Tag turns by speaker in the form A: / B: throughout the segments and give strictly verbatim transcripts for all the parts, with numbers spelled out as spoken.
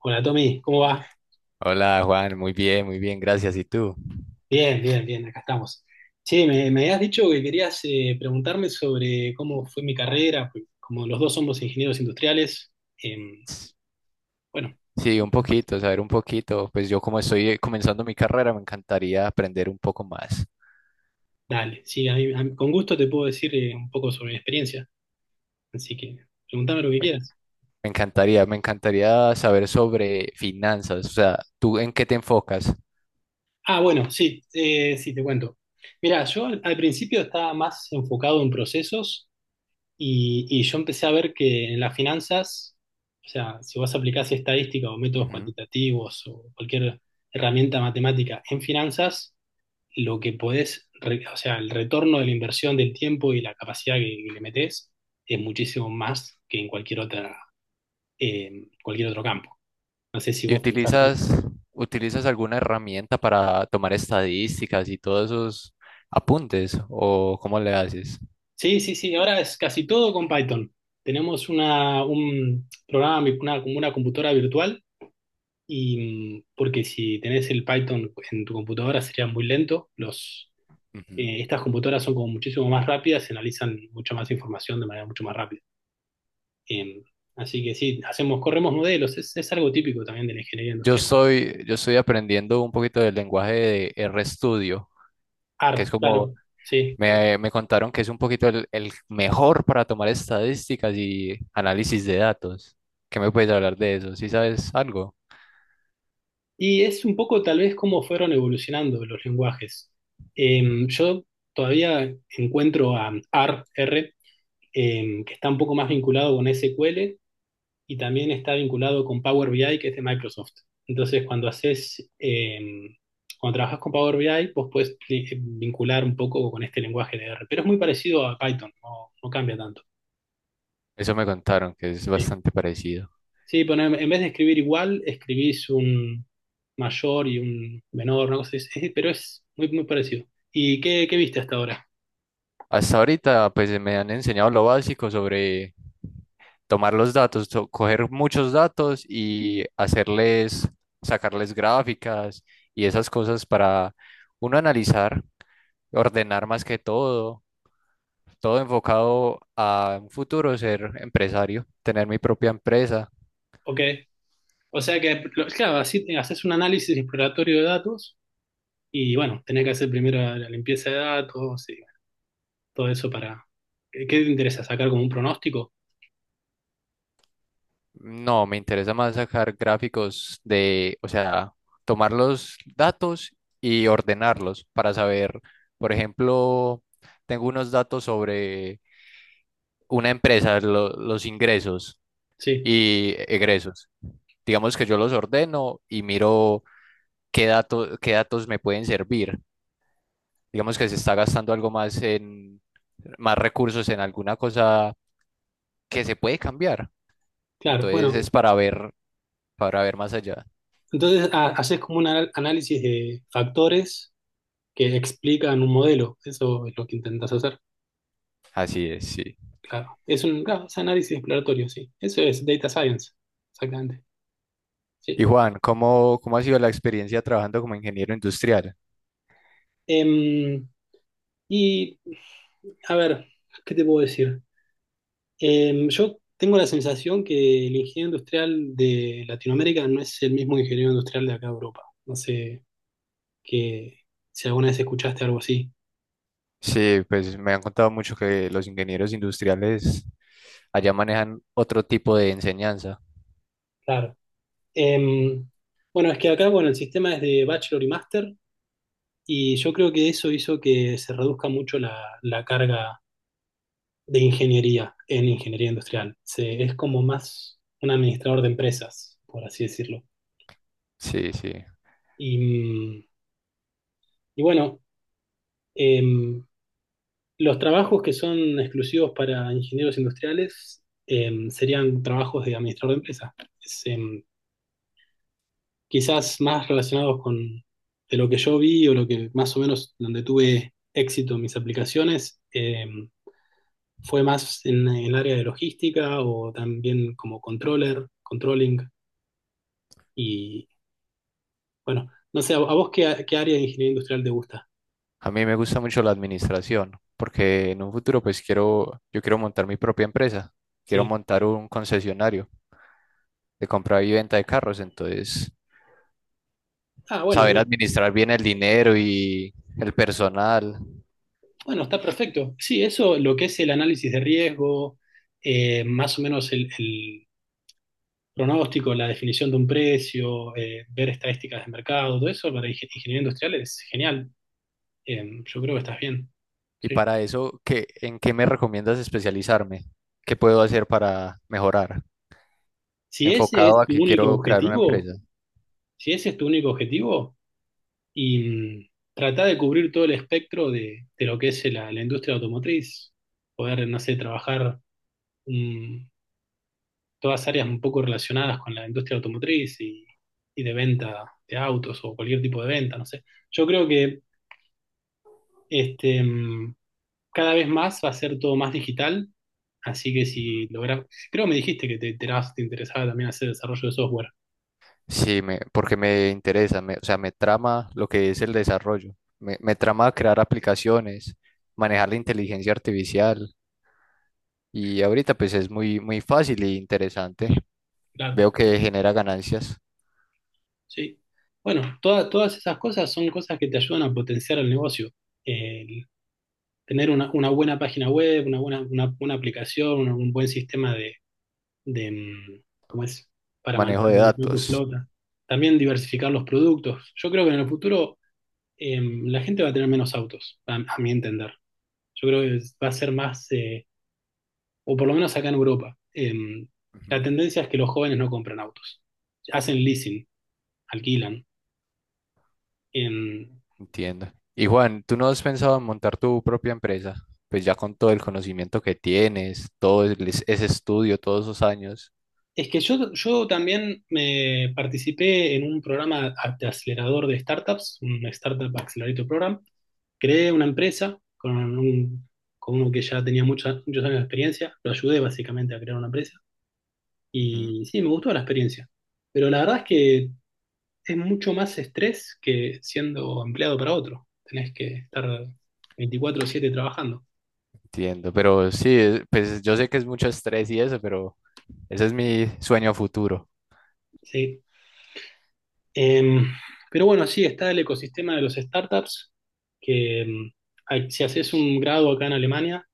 A: Hola Tommy, ¿cómo va?
B: Hola Juan, muy bien, muy bien, gracias. ¿Y tú?
A: Bien, bien, bien, acá estamos. Che, me, me habías dicho que querías eh, preguntarme sobre cómo fue mi carrera, pues, como los dos somos ingenieros industriales. em, bueno,
B: Sí, un poquito, saber un poquito. Pues yo como estoy eh, comenzando mi carrera, me encantaría aprender un poco más.
A: Dale, sí, a mí- a mí- con gusto te puedo decir eh, un poco sobre mi experiencia, así que pregúntame lo que
B: Me,
A: quieras.
B: me encantaría, me encantaría saber sobre finanzas, o sea, ¿tú en qué te enfocas?
A: Ah, bueno, sí, eh, sí, te cuento. Mira, yo al, al principio estaba más enfocado en procesos. Y, y yo empecé a ver que en las finanzas, o sea, si vos aplicás estadística o métodos
B: Ujú.
A: cuantitativos o cualquier herramienta matemática en finanzas, lo que podés, re- o sea, el retorno de la inversión del tiempo y la capacidad que, que le metés es muchísimo más que en cualquier otra, eh, cualquier otro campo. No sé si
B: ¿Y
A: vos pensás lo mismo.
B: utilizas, utilizas alguna herramienta para tomar estadísticas y todos esos apuntes? ¿O cómo le haces?
A: Sí, sí, sí, ahora es casi todo con Python. Tenemos una, un programa, una, como una computadora virtual. Y mm, porque si tenés el Python en tu computadora sería muy lento. Los,
B: Ujú.
A: eh, estas computadoras son como muchísimo más rápidas y analizan mucha más información de manera mucho más rápida. Eh, así que sí, hacemos, corremos modelos, es, es algo típico también de la ingeniería
B: Yo
A: industrial.
B: estoy, yo estoy aprendiendo un poquito del lenguaje de RStudio, que
A: R,
B: es como.
A: claro, sí.
B: Me, me contaron que es un poquito el, el mejor para tomar estadísticas y análisis de datos. ¿Qué me puedes hablar de eso, si sabes algo?
A: Y es un poco tal vez cómo fueron evolucionando los lenguajes. Eh, yo todavía encuentro a R R, eh, que está un poco más vinculado con S Q L y también está vinculado con Power B I, que es de Microsoft. Entonces, cuando haces, eh, cuando trabajas con Power B I, vos puedes eh, vincular un poco con este lenguaje de R, pero es muy parecido a Python, no, no cambia tanto.
B: Eso me contaron, que es
A: Sí,
B: bastante parecido.
A: sí, pero en, en vez de escribir igual, escribís un mayor y un menor, una cosa es- pero es muy, muy parecido. ¿Y qué, qué viste hasta ahora?
B: Hasta ahorita, pues me han enseñado lo básico sobre tomar los datos, so- coger muchos datos y hacerles, sacarles gráficas y esas cosas para uno analizar, ordenar más que todo, todo enfocado a un futuro ser empresario, tener mi propia empresa.
A: Ok. O sea que, lo- claro, así te- haces un análisis exploratorio de datos y bueno, tenés que hacer primero la limpieza de datos, todo eso para... ¿Qué qué te interesa? ¿Sacar como un pronóstico?
B: No, me interesa más sacar gráficos de, o sea, tomar los datos y ordenarlos para saber, por ejemplo, tengo unos datos sobre una empresa, lo- los ingresos
A: Sí,
B: y egresos. Digamos que yo los ordeno y miro qué dato- qué datos me pueden servir. Digamos que se está gastando algo más en más recursos en alguna cosa que se puede cambiar.
A: claro.
B: Entonces
A: Bueno,
B: es para ver, para ver más allá.
A: entonces ha- haces como un anal- análisis de factores que explican un modelo. Eso es lo que intentas hacer.
B: Así es, sí.
A: Claro. Es un claro, es análisis exploratorio, sí. Eso es data science. Exactamente.
B: Y
A: Sí.
B: Juan, ¿cómo, cómo ha sido la experiencia trabajando como ingeniero industrial?
A: Em, y, a ver, ¿qué te puedo decir? Em, yo tengo la sensación que el ingeniero industrial de Latinoamérica no es el mismo ingeniero industrial de acá de Europa. No sé que si alguna vez escuchaste algo así.
B: Sí, pues me han contado mucho que los ingenieros industriales allá manejan otro tipo de enseñanza.
A: Claro. Em, bueno, es que acá, bueno, el sistema es de bachelor y máster, y yo creo que eso hizo que se reduzca mucho la, la carga de ingeniería en ingeniería industrial. Se, es como más un administrador de empresas, por así decirlo.
B: Sí, sí.
A: Y, mm, y bueno, em, los trabajos que son exclusivos para ingenieros industriales em, serían trabajos de administrador de empresas. Quizás más relacionados con de lo que yo vi o lo que más o menos donde tuve éxito en mis aplicaciones, eh, fue más en, en el área de logística o también como controller, controlling, y bueno, no sé, ¿a, a vos qué, qué área de ingeniería industrial te gusta?
B: A mí me gusta mucho la administración, porque en un futuro pues quiero, yo quiero montar mi propia empresa, quiero
A: Sí.
B: montar un concesionario de compra y venta de carros, entonces
A: Ah, bueno,
B: saber
A: bien.
B: administrar bien el dinero y el personal.
A: Bueno, está perfecto. Sí, eso lo que es el análisis de riesgo, eh, más o menos el, el pronóstico, la definición de un precio, eh, ver estadísticas de mercado, todo eso para ingen- ingeniería industrial es genial. Em, yo creo que estás bien.
B: Y
A: Sí.
B: para eso, ¿qué, en qué me recomiendas especializarme? ¿Qué puedo hacer para mejorar?
A: Si ese es
B: Enfocado a
A: tu
B: que
A: único
B: quiero crear una
A: objetivo,
B: empresa.
A: si ese es tu único objetivo, y mm, trata de cubrir todo el espectro de, de lo que es la, la industria automotriz, poder, no sé, trabajar, mm, todas áreas un poco relacionadas con la industria automotriz y, y de venta de autos o cualquier tipo de venta, no sé. Yo creo que este, mm, cada vez más va a ser todo más digital, así que si logras, creo que me dijiste que te, te te interesaba también hacer desarrollo de software.
B: Sí, me, porque me interesa, me- o sea, me trama lo que es el desarrollo. Me, me trama crear aplicaciones, manejar la inteligencia artificial. Y ahorita pues es muy, muy fácil e interesante.
A: Claro,
B: Veo que genera ganancias,
A: sí. Bueno, toda- todas esas cosas son cosas que te ayudan a potenciar el negocio. El tener una, una buena página web, una buena, una, una aplicación, una- un buen sistema de, de, mm, ¿Cómo es? Para
B: manejo
A: manejar
B: de
A: tu tu
B: datos.
A: flota. También diversificar los productos. Yo creo que en el futuro em, la gente va a tener menos autos, a, a mi entender. Yo creo que va a ser más, eh, o por lo menos acá en Europa. Em, la
B: Ujú.
A: tendencia es que los jóvenes no compran autos. Hacen leasing, alquilan. Em,
B: Entiendo. Y Juan, ¿tú no has pensado en montar tu propia empresa? Pues ya con todo el conocimiento que tienes, todo el- es- ese estudio, todos esos años.
A: Es que yo, yo también me participé en un programa de acelerador de startups, un Startup Accelerator Program. Creé una empresa con, un, con uno que ya tenía mucha- muchos años de experiencia. Lo ayudé básicamente a crear una empresa.
B: Ujú.
A: Y sí, me gustó la experiencia. Pero la verdad es que es mucho más estrés que siendo empleado para otro. Tenés que estar veinticuatro siete trabajando.
B: Entiendo, pero sí, es- pues yo sé que es mucho estrés y eso, pero ese es mi sueño a futuro.
A: Sí. Em, pero bueno, sí, está el ecosistema de los startups, que em, a- si haces un grado acá en Alemania,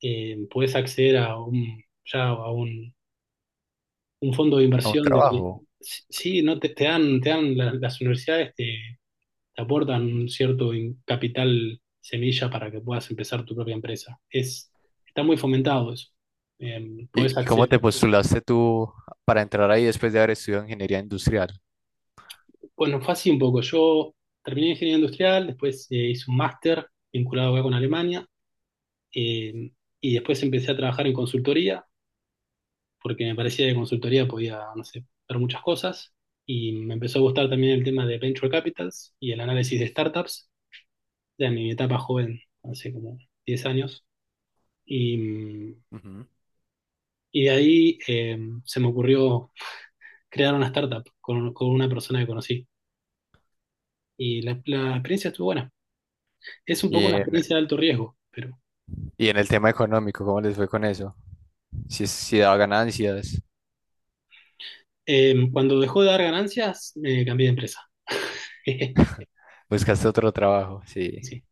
A: em, puedes acceder a un, ya a un, un fondo de
B: A un
A: inversión. De,
B: trabajo.
A: sí, no te, te dan, te dan la- las universidades te, te aportan un cierto in- capital semilla para que puedas empezar tu propia empresa. Es, está muy fomentado eso. Em,
B: ¿Y
A: podés
B: y cómo te
A: acceder.
B: postulaste tú para entrar ahí después de haber estudiado ingeniería industrial?
A: Bueno, fue así un poco. Yo terminé ingeniería industrial, después eh, hice un máster vinculado acá con Alemania. Eh, y después empecé a trabajar en consultoría, porque me parecía que consultoría podía, no sé, ver muchas cosas. Y me empezó a gustar también el tema de venture capitals y el análisis de startups, ya en mi etapa joven, hace como diez años. Y,
B: Ujú.
A: y de ahí eh, se me ocurrió crear una startup con, con una persona que conocí. Y la, la experiencia estuvo buena. Es un
B: Y
A: poco una
B: en,
A: experiencia de alto riesgo, pero
B: y en el tema económico, ¿cómo les fue con eso? Si, si daba ganancias,
A: eh, cuando dejó de dar ganancias, me cambié de empresa.
B: buscaste otro trabajo, sí,
A: Sí,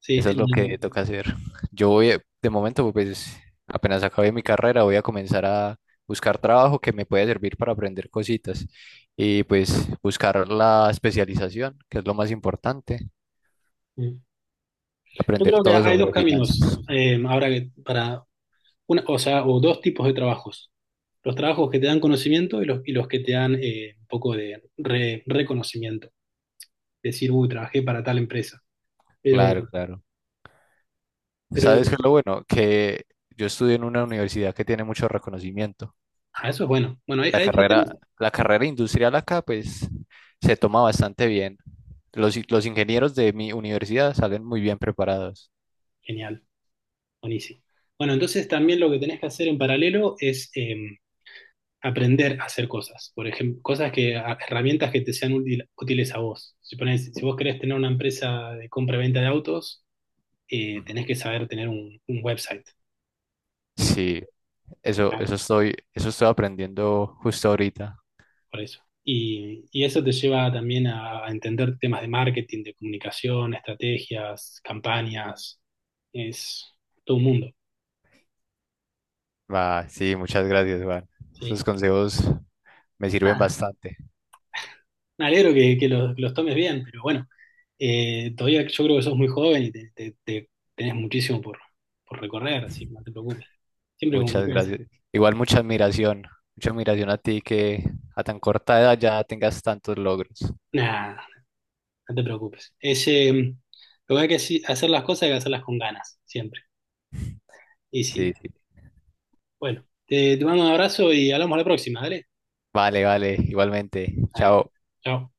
A: sí.
B: eso es lo que toca hacer. Yo voy, a- de momento, pues apenas acabé mi carrera, voy a comenzar a buscar trabajo que me pueda servir para aprender cositas y pues buscar la especialización, que es lo más importante,
A: el- Yo
B: aprender
A: creo que
B: todo
A: hay dos
B: sobre finanzas.
A: caminos, eh, ahora que para una, o sea, o dos tipos de trabajos. Los trabajos que te dan conocimiento y los, y los que te dan eh, un poco de re- reconocimiento. Decir, uy, trabajé para tal empresa. Pero,
B: Claro, claro.
A: pero
B: ¿Sabes qué es lo bueno? Que yo estudio en una universidad que tiene mucho reconocimiento.
A: ah, eso es bueno. Bueno, ahí,
B: La
A: ahí ya tenés.
B: carrera, la carrera industrial acá, pues, se toma bastante bien. Los, i- los ingenieros de mi universidad salen muy bien preparados.
A: Genial, buenísimo. Bueno, entonces también lo que tenés que hacer en paralelo es eh, aprender a hacer cosas. Por ejemplo, cosas que, a- herramientas que te sean útil- útiles a vos. Si, ponés- si vos querés tener una empresa de compra-venta de autos, eh,
B: Ujú.
A: tenés que saber tener un, un website, tenés que-
B: Sí, eso,
A: claro,
B: eso estoy, eso estoy aprendiendo justo ahorita.
A: por eso. Y, y eso te lleva también a, a entender temas de marketing, de comunicación, estrategias, campañas, es todo un mundo,
B: Va, sí, muchas gracias, Juan. Esos
A: ¿sí?
B: consejos me sirven
A: Ah,
B: bastante.
A: me alegro que, que los, que los tomes bien, pero bueno, eh, todavía yo creo que sos muy joven y te, te- te- tenés muchísimo por, por recorrer, así que no te preocupes, siempre con
B: Muchas
A: confianza.
B: gracias. Igual mucha admiración, mucha admiración a ti que a tan corta edad ya tengas tantos logros.
A: Nada, no te preocupes. Es, eh, lo que hay que haci- hacer las cosas hay que hacerlas con ganas, siempre. Y
B: Sí,
A: si,
B: sí.
A: bueno, te, te mando un abrazo y hablamos la próxima, dale.
B: Vale, vale, igualmente.
A: Dale.
B: Chao.
A: Chao.